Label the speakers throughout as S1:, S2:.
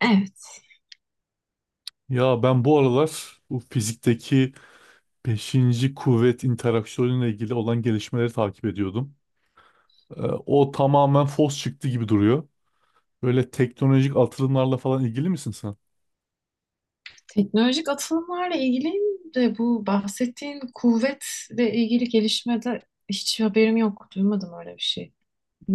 S1: Evet.
S2: Ya ben bu aralar bu fizikteki beşinci kuvvet interaksiyonuyla ilgili olan gelişmeleri takip ediyordum. O tamamen fos çıktı gibi duruyor. Böyle teknolojik atılımlarla falan ilgili misin sen?
S1: Teknolojik atılımlarla ilgili de bu bahsettiğin kuvvetle ilgili gelişmede hiç haberim yok. Duymadım öyle bir şey.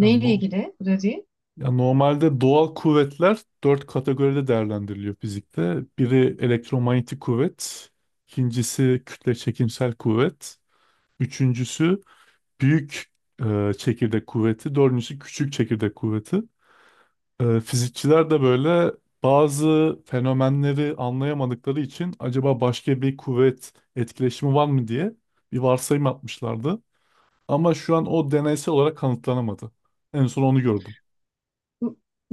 S2: Yani, no,
S1: ilgili bu dediğin?
S2: ya normalde doğal kuvvetler 4 kategoride değerlendiriliyor fizikte. Biri elektromanyetik kuvvet, ikincisi kütle çekimsel kuvvet, üçüncüsü büyük çekirdek kuvveti, dördüncüsü küçük çekirdek kuvveti. Fizikçiler de böyle bazı fenomenleri anlayamadıkları için acaba başka bir kuvvet etkileşimi var mı diye bir varsayım atmışlardı. Ama şu an o deneysel olarak kanıtlanamadı. En son onu gördüm.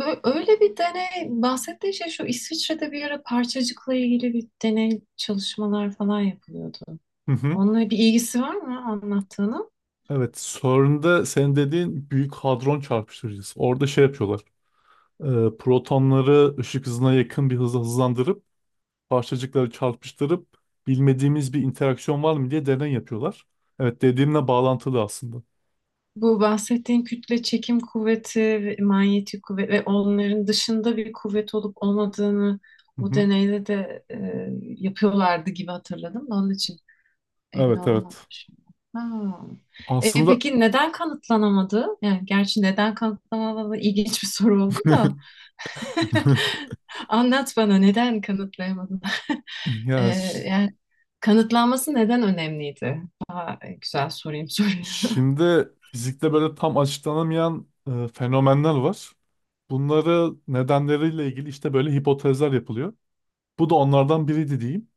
S1: Öyle bir deney bahsettiğin şey, şu İsviçre'de bir ara parçacıkla ilgili bir deney çalışmalar falan yapılıyordu.
S2: Hı hı.
S1: Onunla bir ilgisi var mı anlattığının?
S2: Evet, CERN'de senin dediğin Büyük Hadron Çarpıştırıcısı. Orada şey yapıyorlar. Protonları ışık hızına yakın bir hızla hızlandırıp parçacıkları çarpıştırıp bilmediğimiz bir interaksiyon var mı diye deney yapıyorlar. Evet, dediğimle bağlantılı aslında.
S1: Bu bahsettiğin kütle çekim kuvveti ve manyetik kuvvet ve onların dışında bir kuvvet olup olmadığını
S2: Hı
S1: o
S2: hı.
S1: deneyde de yapıyorlardı gibi hatırladım da onun için emin
S2: Evet, evet.
S1: olamamışım. Ha. E,
S2: Aslında
S1: peki neden kanıtlanamadı? Yani gerçi neden kanıtlanamadı ilginç bir soru oldu da anlat bana, neden kanıtlayamadın? E,
S2: ya ş-
S1: Yani kanıtlanması neden önemliydi? Daha güzel sorayım soruyu.
S2: şimdi fizikte böyle tam açıklanamayan fenomenler var. Bunları nedenleriyle ilgili işte böyle hipotezler yapılıyor. Bu da onlardan biriydi diyeyim.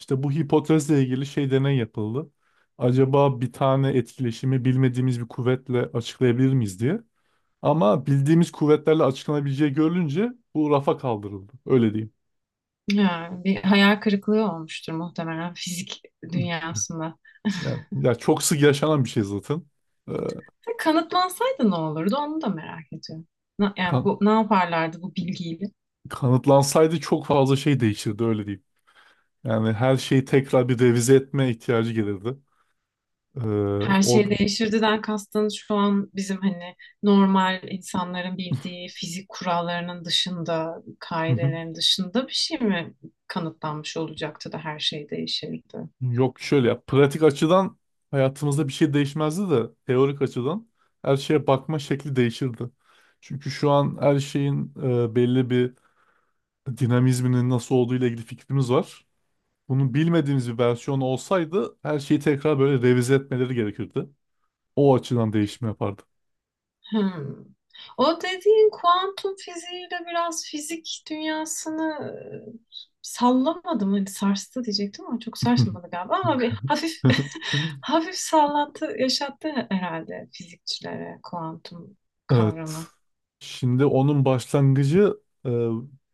S2: İşte bu hipotezle ilgili şey deney yapıldı. Acaba bir tane etkileşimi bilmediğimiz bir kuvvetle açıklayabilir miyiz diye. Ama bildiğimiz kuvvetlerle açıklanabileceği görülünce bu rafa kaldırıldı. Öyle diyeyim.
S1: Ya, bir hayal kırıklığı olmuştur muhtemelen fizik dünyasında.
S2: Yani, ya çok sık yaşanan bir şey zaten.
S1: Ya, kanıtlansaydı ne olurdu onu da merak ediyorum. Yani
S2: Ee,
S1: bu, ne yaparlardı bu bilgiyle?
S2: Kanıtlansaydı çok fazla şey değişirdi öyle diyeyim. Yani her şeyi tekrar bir revize etme ihtiyacı gelirdi. Ee,
S1: Her
S2: o
S1: şey değişirdiden kastın şu an bizim, hani normal insanların bildiği fizik kurallarının dışında,
S2: Hı hı.
S1: kaidelerin dışında bir şey mi kanıtlanmış olacaktı da her şey değişirdi?
S2: Yok, şöyle, ya pratik açıdan hayatımızda bir şey değişmezdi de teorik açıdan her şeye bakma şekli değişirdi. Çünkü şu an her şeyin belli bir dinamizminin nasıl olduğu ile ilgili fikrimiz var. Bunu bilmediğimiz bir versiyon olsaydı her şeyi tekrar böyle revize etmeleri gerekirdi. O açıdan değişim yapardı.
S1: Hmm. O dediğin kuantum fiziğiyle biraz fizik dünyasını e, sallamadı mı? Hani sarstı diyecektim ama çok sarsmadı galiba. Ama bir hafif hafif sallantı yaşattı herhalde fizikçilere, kuantum
S2: Evet.
S1: kavramı.
S2: Şimdi onun başlangıcı, e,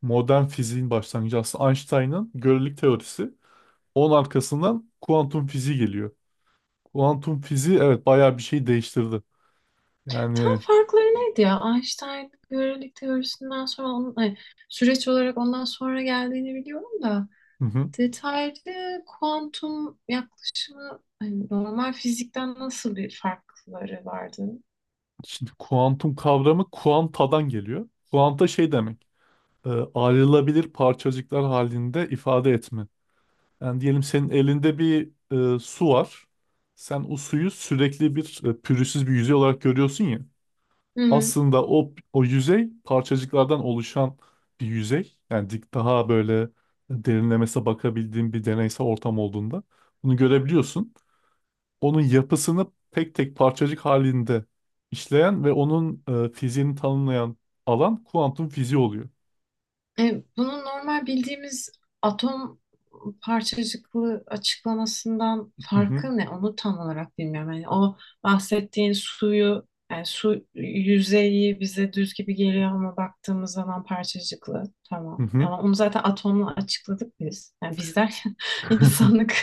S2: modern fiziğin başlangıcı aslında Einstein'ın görelilik teorisi. Onun arkasından kuantum fiziği geliyor. Kuantum fiziği evet bayağı bir şey değiştirdi.
S1: Tam
S2: Yani
S1: farkları neydi ya? Einstein görelilik teorisinden sonra onun, ay, süreç olarak ondan sonra geldiğini biliyorum da.
S2: hı hı.
S1: Detaylı kuantum yaklaşımı hani normal fizikten nasıl bir farkları vardı?
S2: Şimdi kuantum kavramı kuantadan geliyor. Kuanta şey demek. e, Ayrılabilir parçacıklar halinde ifade etme. Yani diyelim senin elinde bir su var. Sen o suyu sürekli bir, pürüzsüz bir yüzey olarak görüyorsun ya.
S1: Hı.
S2: Aslında o yüzey parçacıklardan oluşan bir yüzey. Yani dik daha böyle derinlemesine bakabildiğin bir deneysel ortam olduğunda bunu görebiliyorsun. Onun yapısını tek tek parçacık halinde işleyen ve onun fiziğini tanımlayan alan kuantum fiziği oluyor.
S1: E, bunun normal bildiğimiz atom parçacıklı açıklamasından
S2: Hı hı.
S1: farkı ne? Onu tam olarak bilmiyorum. Yani o bahsettiğin suyu, yani su yüzeyi bize düz gibi geliyor ama baktığımız zaman parçacıklı.
S2: Hı
S1: Tamam.
S2: hı.
S1: Ama onu zaten atomla açıkladık biz. Yani biz derken insanlık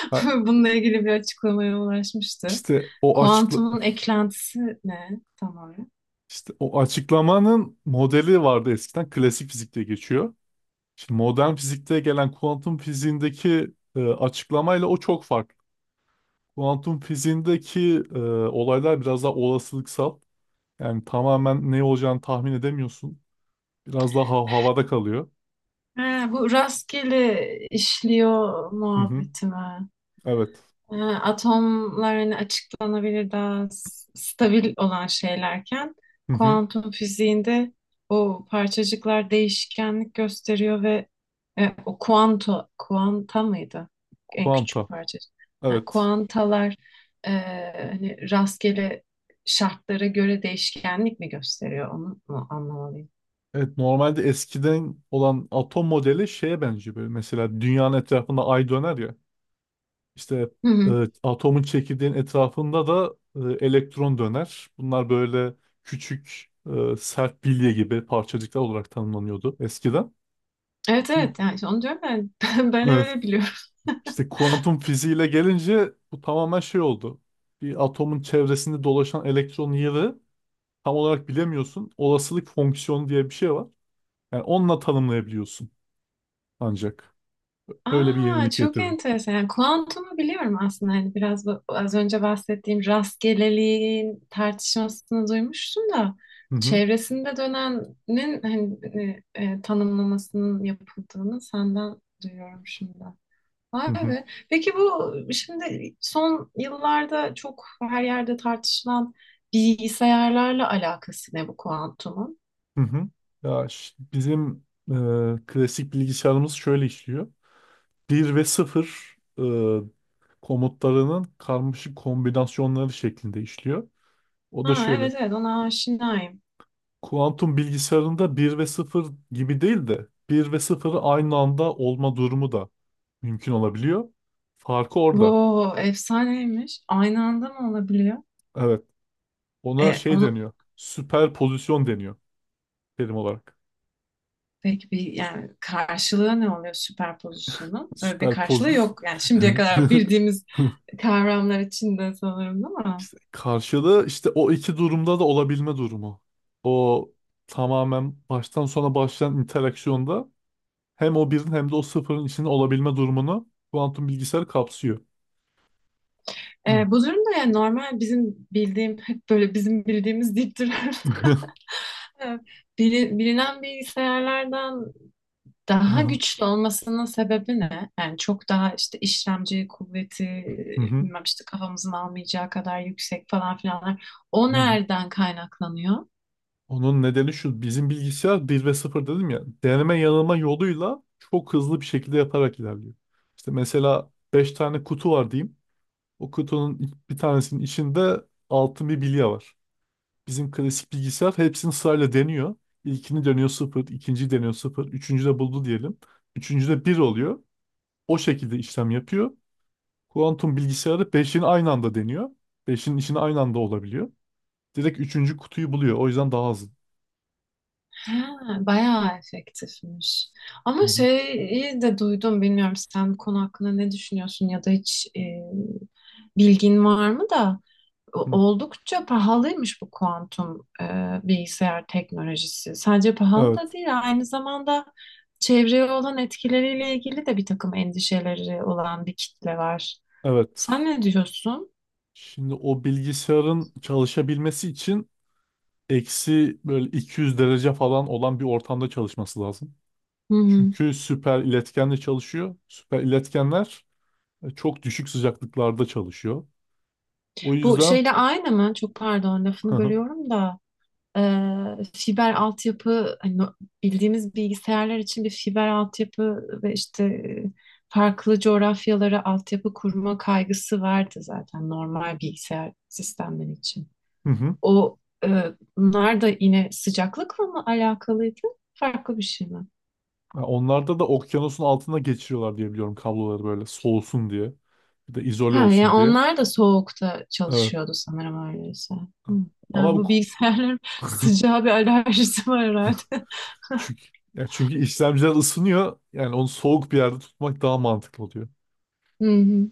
S2: Ha,
S1: bununla ilgili bir açıklamaya ulaşmıştı.
S2: İşte o açıkla
S1: Kuantumun eklentisi ne tam olarak?
S2: işte o açıklamanın modeli vardı eskiden klasik fizikte geçiyor. Şimdi modern fizikte gelen kuantum fiziğindeki açıklamayla o çok farklı. Kuantum fiziğindeki olaylar biraz daha olasılıksal. Yani tamamen ne olacağını tahmin edemiyorsun. Biraz daha havada kalıyor.
S1: Ha, bu rastgele işliyor
S2: Hı hı.
S1: muhabbeti mi?
S2: Evet.
S1: E, atomlar hani açıklanabilir daha stabil olan şeylerken
S2: Hı hı.
S1: kuantum fiziğinde o parçacıklar değişkenlik gösteriyor ve o kuanta mıydı? En
S2: Kuanta.
S1: küçük parçacık. Yani
S2: Evet.
S1: kuantalar e, hani rastgele şartlara göre değişkenlik mi gösteriyor, onu mu anlamalıyım?
S2: Evet, normalde eskiden olan atom modeli şeye benziyor böyle. Mesela dünyanın etrafında ay döner ya. İşte
S1: Hı
S2: e,
S1: hı.
S2: atomun çekirdeğin etrafında da elektron döner. Bunlar böyle küçük, sert bilye gibi parçacıklar olarak tanımlanıyordu eskiden.
S1: Evet,
S2: Şimdi,
S1: evet, yani işte onu diyorum ben. Ben
S2: evet,
S1: öyle biliyorum.
S2: işte kuantum fiziğiyle gelince bu tamamen şey oldu. Bir atomun çevresinde dolaşan elektron yeri tam olarak bilemiyorsun. Olasılık fonksiyonu diye bir şey var. Yani onunla tanımlayabiliyorsun ancak. Öyle bir
S1: Aa,
S2: yenilik
S1: çok
S2: getirdim.
S1: enteresan. Yani kuantumu biliyorum aslında. Hani biraz bu, az önce bahsettiğim rastgeleliğin tartışmasını duymuştum da
S2: Hı hı.
S1: çevresinde dönenin hani, tanımlamasının yapıldığını senden duyuyorum şimdi.
S2: Hı
S1: Vay
S2: hı.
S1: be. Peki bu şimdi son yıllarda çok her yerde tartışılan bilgisayarlarla alakası ne bu kuantumun?
S2: Hı hı. Bizim klasik bilgisayarımız şöyle işliyor. Bir ve sıfır komutlarının karmaşık kombinasyonları şeklinde işliyor. O da
S1: Ha,
S2: şöyle.
S1: evet, evet, ona aşinayım.
S2: Kuantum bilgisayarında bir ve sıfır gibi değil de bir ve sıfırı aynı anda olma durumu da mümkün olabiliyor. Farkı
S1: Bu
S2: orada.
S1: efsaneymiş. Aynı anda mı olabiliyor?
S2: Evet. Ona
S1: E,
S2: şey
S1: onu
S2: deniyor. Süper pozisyon deniyor terim olarak.
S1: peki, bir yani karşılığı ne oluyor süperpozisyonun? Öyle bir
S2: Süper poz.
S1: karşılığı yok. Yani şimdiye kadar bildiğimiz kavramlar içinde sanırım, değil mi?
S2: İşte karşılığı, işte o iki durumda da olabilme durumu. O tamamen baştan sona başlayan interaksiyonda hem o birin hem de o sıfırın içinde olabilme durumunu kuantum bilgisayar kapsıyor. Hı.
S1: E, bu durumda yani normal bizim bildiğim hep böyle bizim bildiğimiz deyip duran, e, bilinen bilgisayarlardan daha
S2: Aha.
S1: güçlü olmasının sebebi ne? Yani çok daha işte işlemci kuvveti,
S2: Hı hı.
S1: bilmem işte kafamızın almayacağı kadar yüksek falan filanlar. O
S2: Hı hı.
S1: nereden kaynaklanıyor?
S2: Onun nedeni şu, bizim bilgisayar bir ve sıfır dedim ya, deneme yanılma yoluyla çok hızlı bir şekilde yaparak ilerliyor. İşte mesela 5 tane kutu var diyeyim. O kutunun bir tanesinin içinde altın bir bilye var. Bizim klasik bilgisayar hepsini sırayla deniyor. İlkini deniyor sıfır, ikinciyi deniyor sıfır, üçüncü de buldu diyelim. Üçüncü de bir oluyor. O şekilde işlem yapıyor. Kuantum bilgisayarı beşin aynı anda deniyor. Beşin içinde aynı anda olabiliyor. Direkt üçüncü kutuyu buluyor. O yüzden daha hızlı.
S1: Ha, bayağı efektifmiş.
S2: Hı
S1: Ama
S2: hı.
S1: şeyi de duydum, bilmiyorum sen bu konu hakkında ne düşünüyorsun ya da hiç bilgin var mı da
S2: Hı.
S1: oldukça pahalıymış bu kuantum bilgisayar teknolojisi. Sadece pahalı da
S2: Evet,
S1: değil, aynı zamanda çevreye olan etkileriyle ilgili de bir takım endişeleri olan bir kitle var.
S2: evet.
S1: Sen ne diyorsun?
S2: Şimdi o bilgisayarın çalışabilmesi için eksi böyle 200 derece falan olan bir ortamda çalışması lazım.
S1: Hı hı.
S2: Çünkü süper iletkenle çalışıyor. Süper iletkenler çok düşük sıcaklıklarda çalışıyor. O
S1: Bu
S2: yüzden
S1: şeyle aynı mı? Çok pardon, lafını
S2: hı
S1: bölüyorum da. Fiber altyapı, hani bildiğimiz bilgisayarlar için bir fiber altyapı ve işte farklı coğrafyalara altyapı kurma kaygısı vardı zaten normal bilgisayar sistemleri için.
S2: hı.
S1: O e, bunlar da yine sıcaklıkla mı alakalıydı? Farklı bir şey mi?
S2: Ya onlarda da okyanusun altına geçiriyorlar diye biliyorum kabloları, böyle soğusun diye. Bir de
S1: Ha,
S2: izole
S1: yani
S2: olsun diye.
S1: onlar da soğukta
S2: Evet.
S1: çalışıyordu sanırım öyleyse. Hı.
S2: Ama
S1: Yani
S2: bu
S1: bu
S2: ku-
S1: bilgisayarların sıcağa bir alerjisi var herhalde.
S2: çünkü, ya çünkü işlemciler ısınıyor. Yani onu soğuk bir yerde tutmak daha mantıklı oluyor.
S1: Hı hı.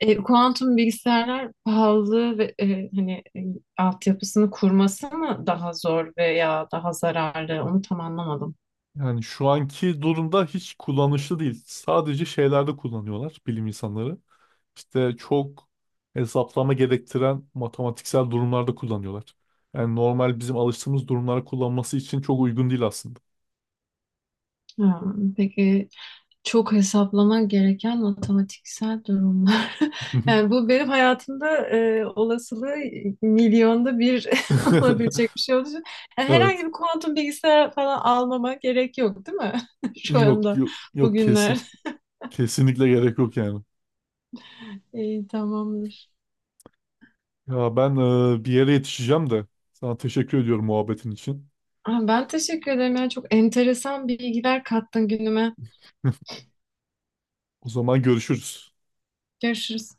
S1: E, kuantum bilgisayarlar pahalı ve hani altyapısını kurması mı daha zor veya daha zararlı? Onu tam anlamadım.
S2: Yani şu anki durumda hiç kullanışlı değil. Sadece şeylerde kullanıyorlar bilim insanları. İşte çok hesaplama gerektiren matematiksel durumlarda kullanıyorlar. Yani normal bizim alıştığımız durumlara kullanması için çok uygun değil aslında.
S1: Ha, peki çok hesaplama gereken matematiksel durumlar. Yani bu benim hayatımda olasılığı milyonda 1 olabilecek bir şey olduğu için yani herhangi
S2: Evet.
S1: bir kuantum bilgisayar falan almama gerek yok, değil mi? Şu
S2: Yok
S1: anda
S2: yok, yok,
S1: bugünler.
S2: kesin kesinlikle gerek yok yani.
S1: İyi, tamamdır.
S2: Ya ben, bir yere yetişeceğim de sana teşekkür ediyorum muhabbetin için.
S1: Aa, ben teşekkür ederim. Yani çok enteresan bilgiler kattın günüme.
S2: O zaman görüşürüz.
S1: Görüşürüz.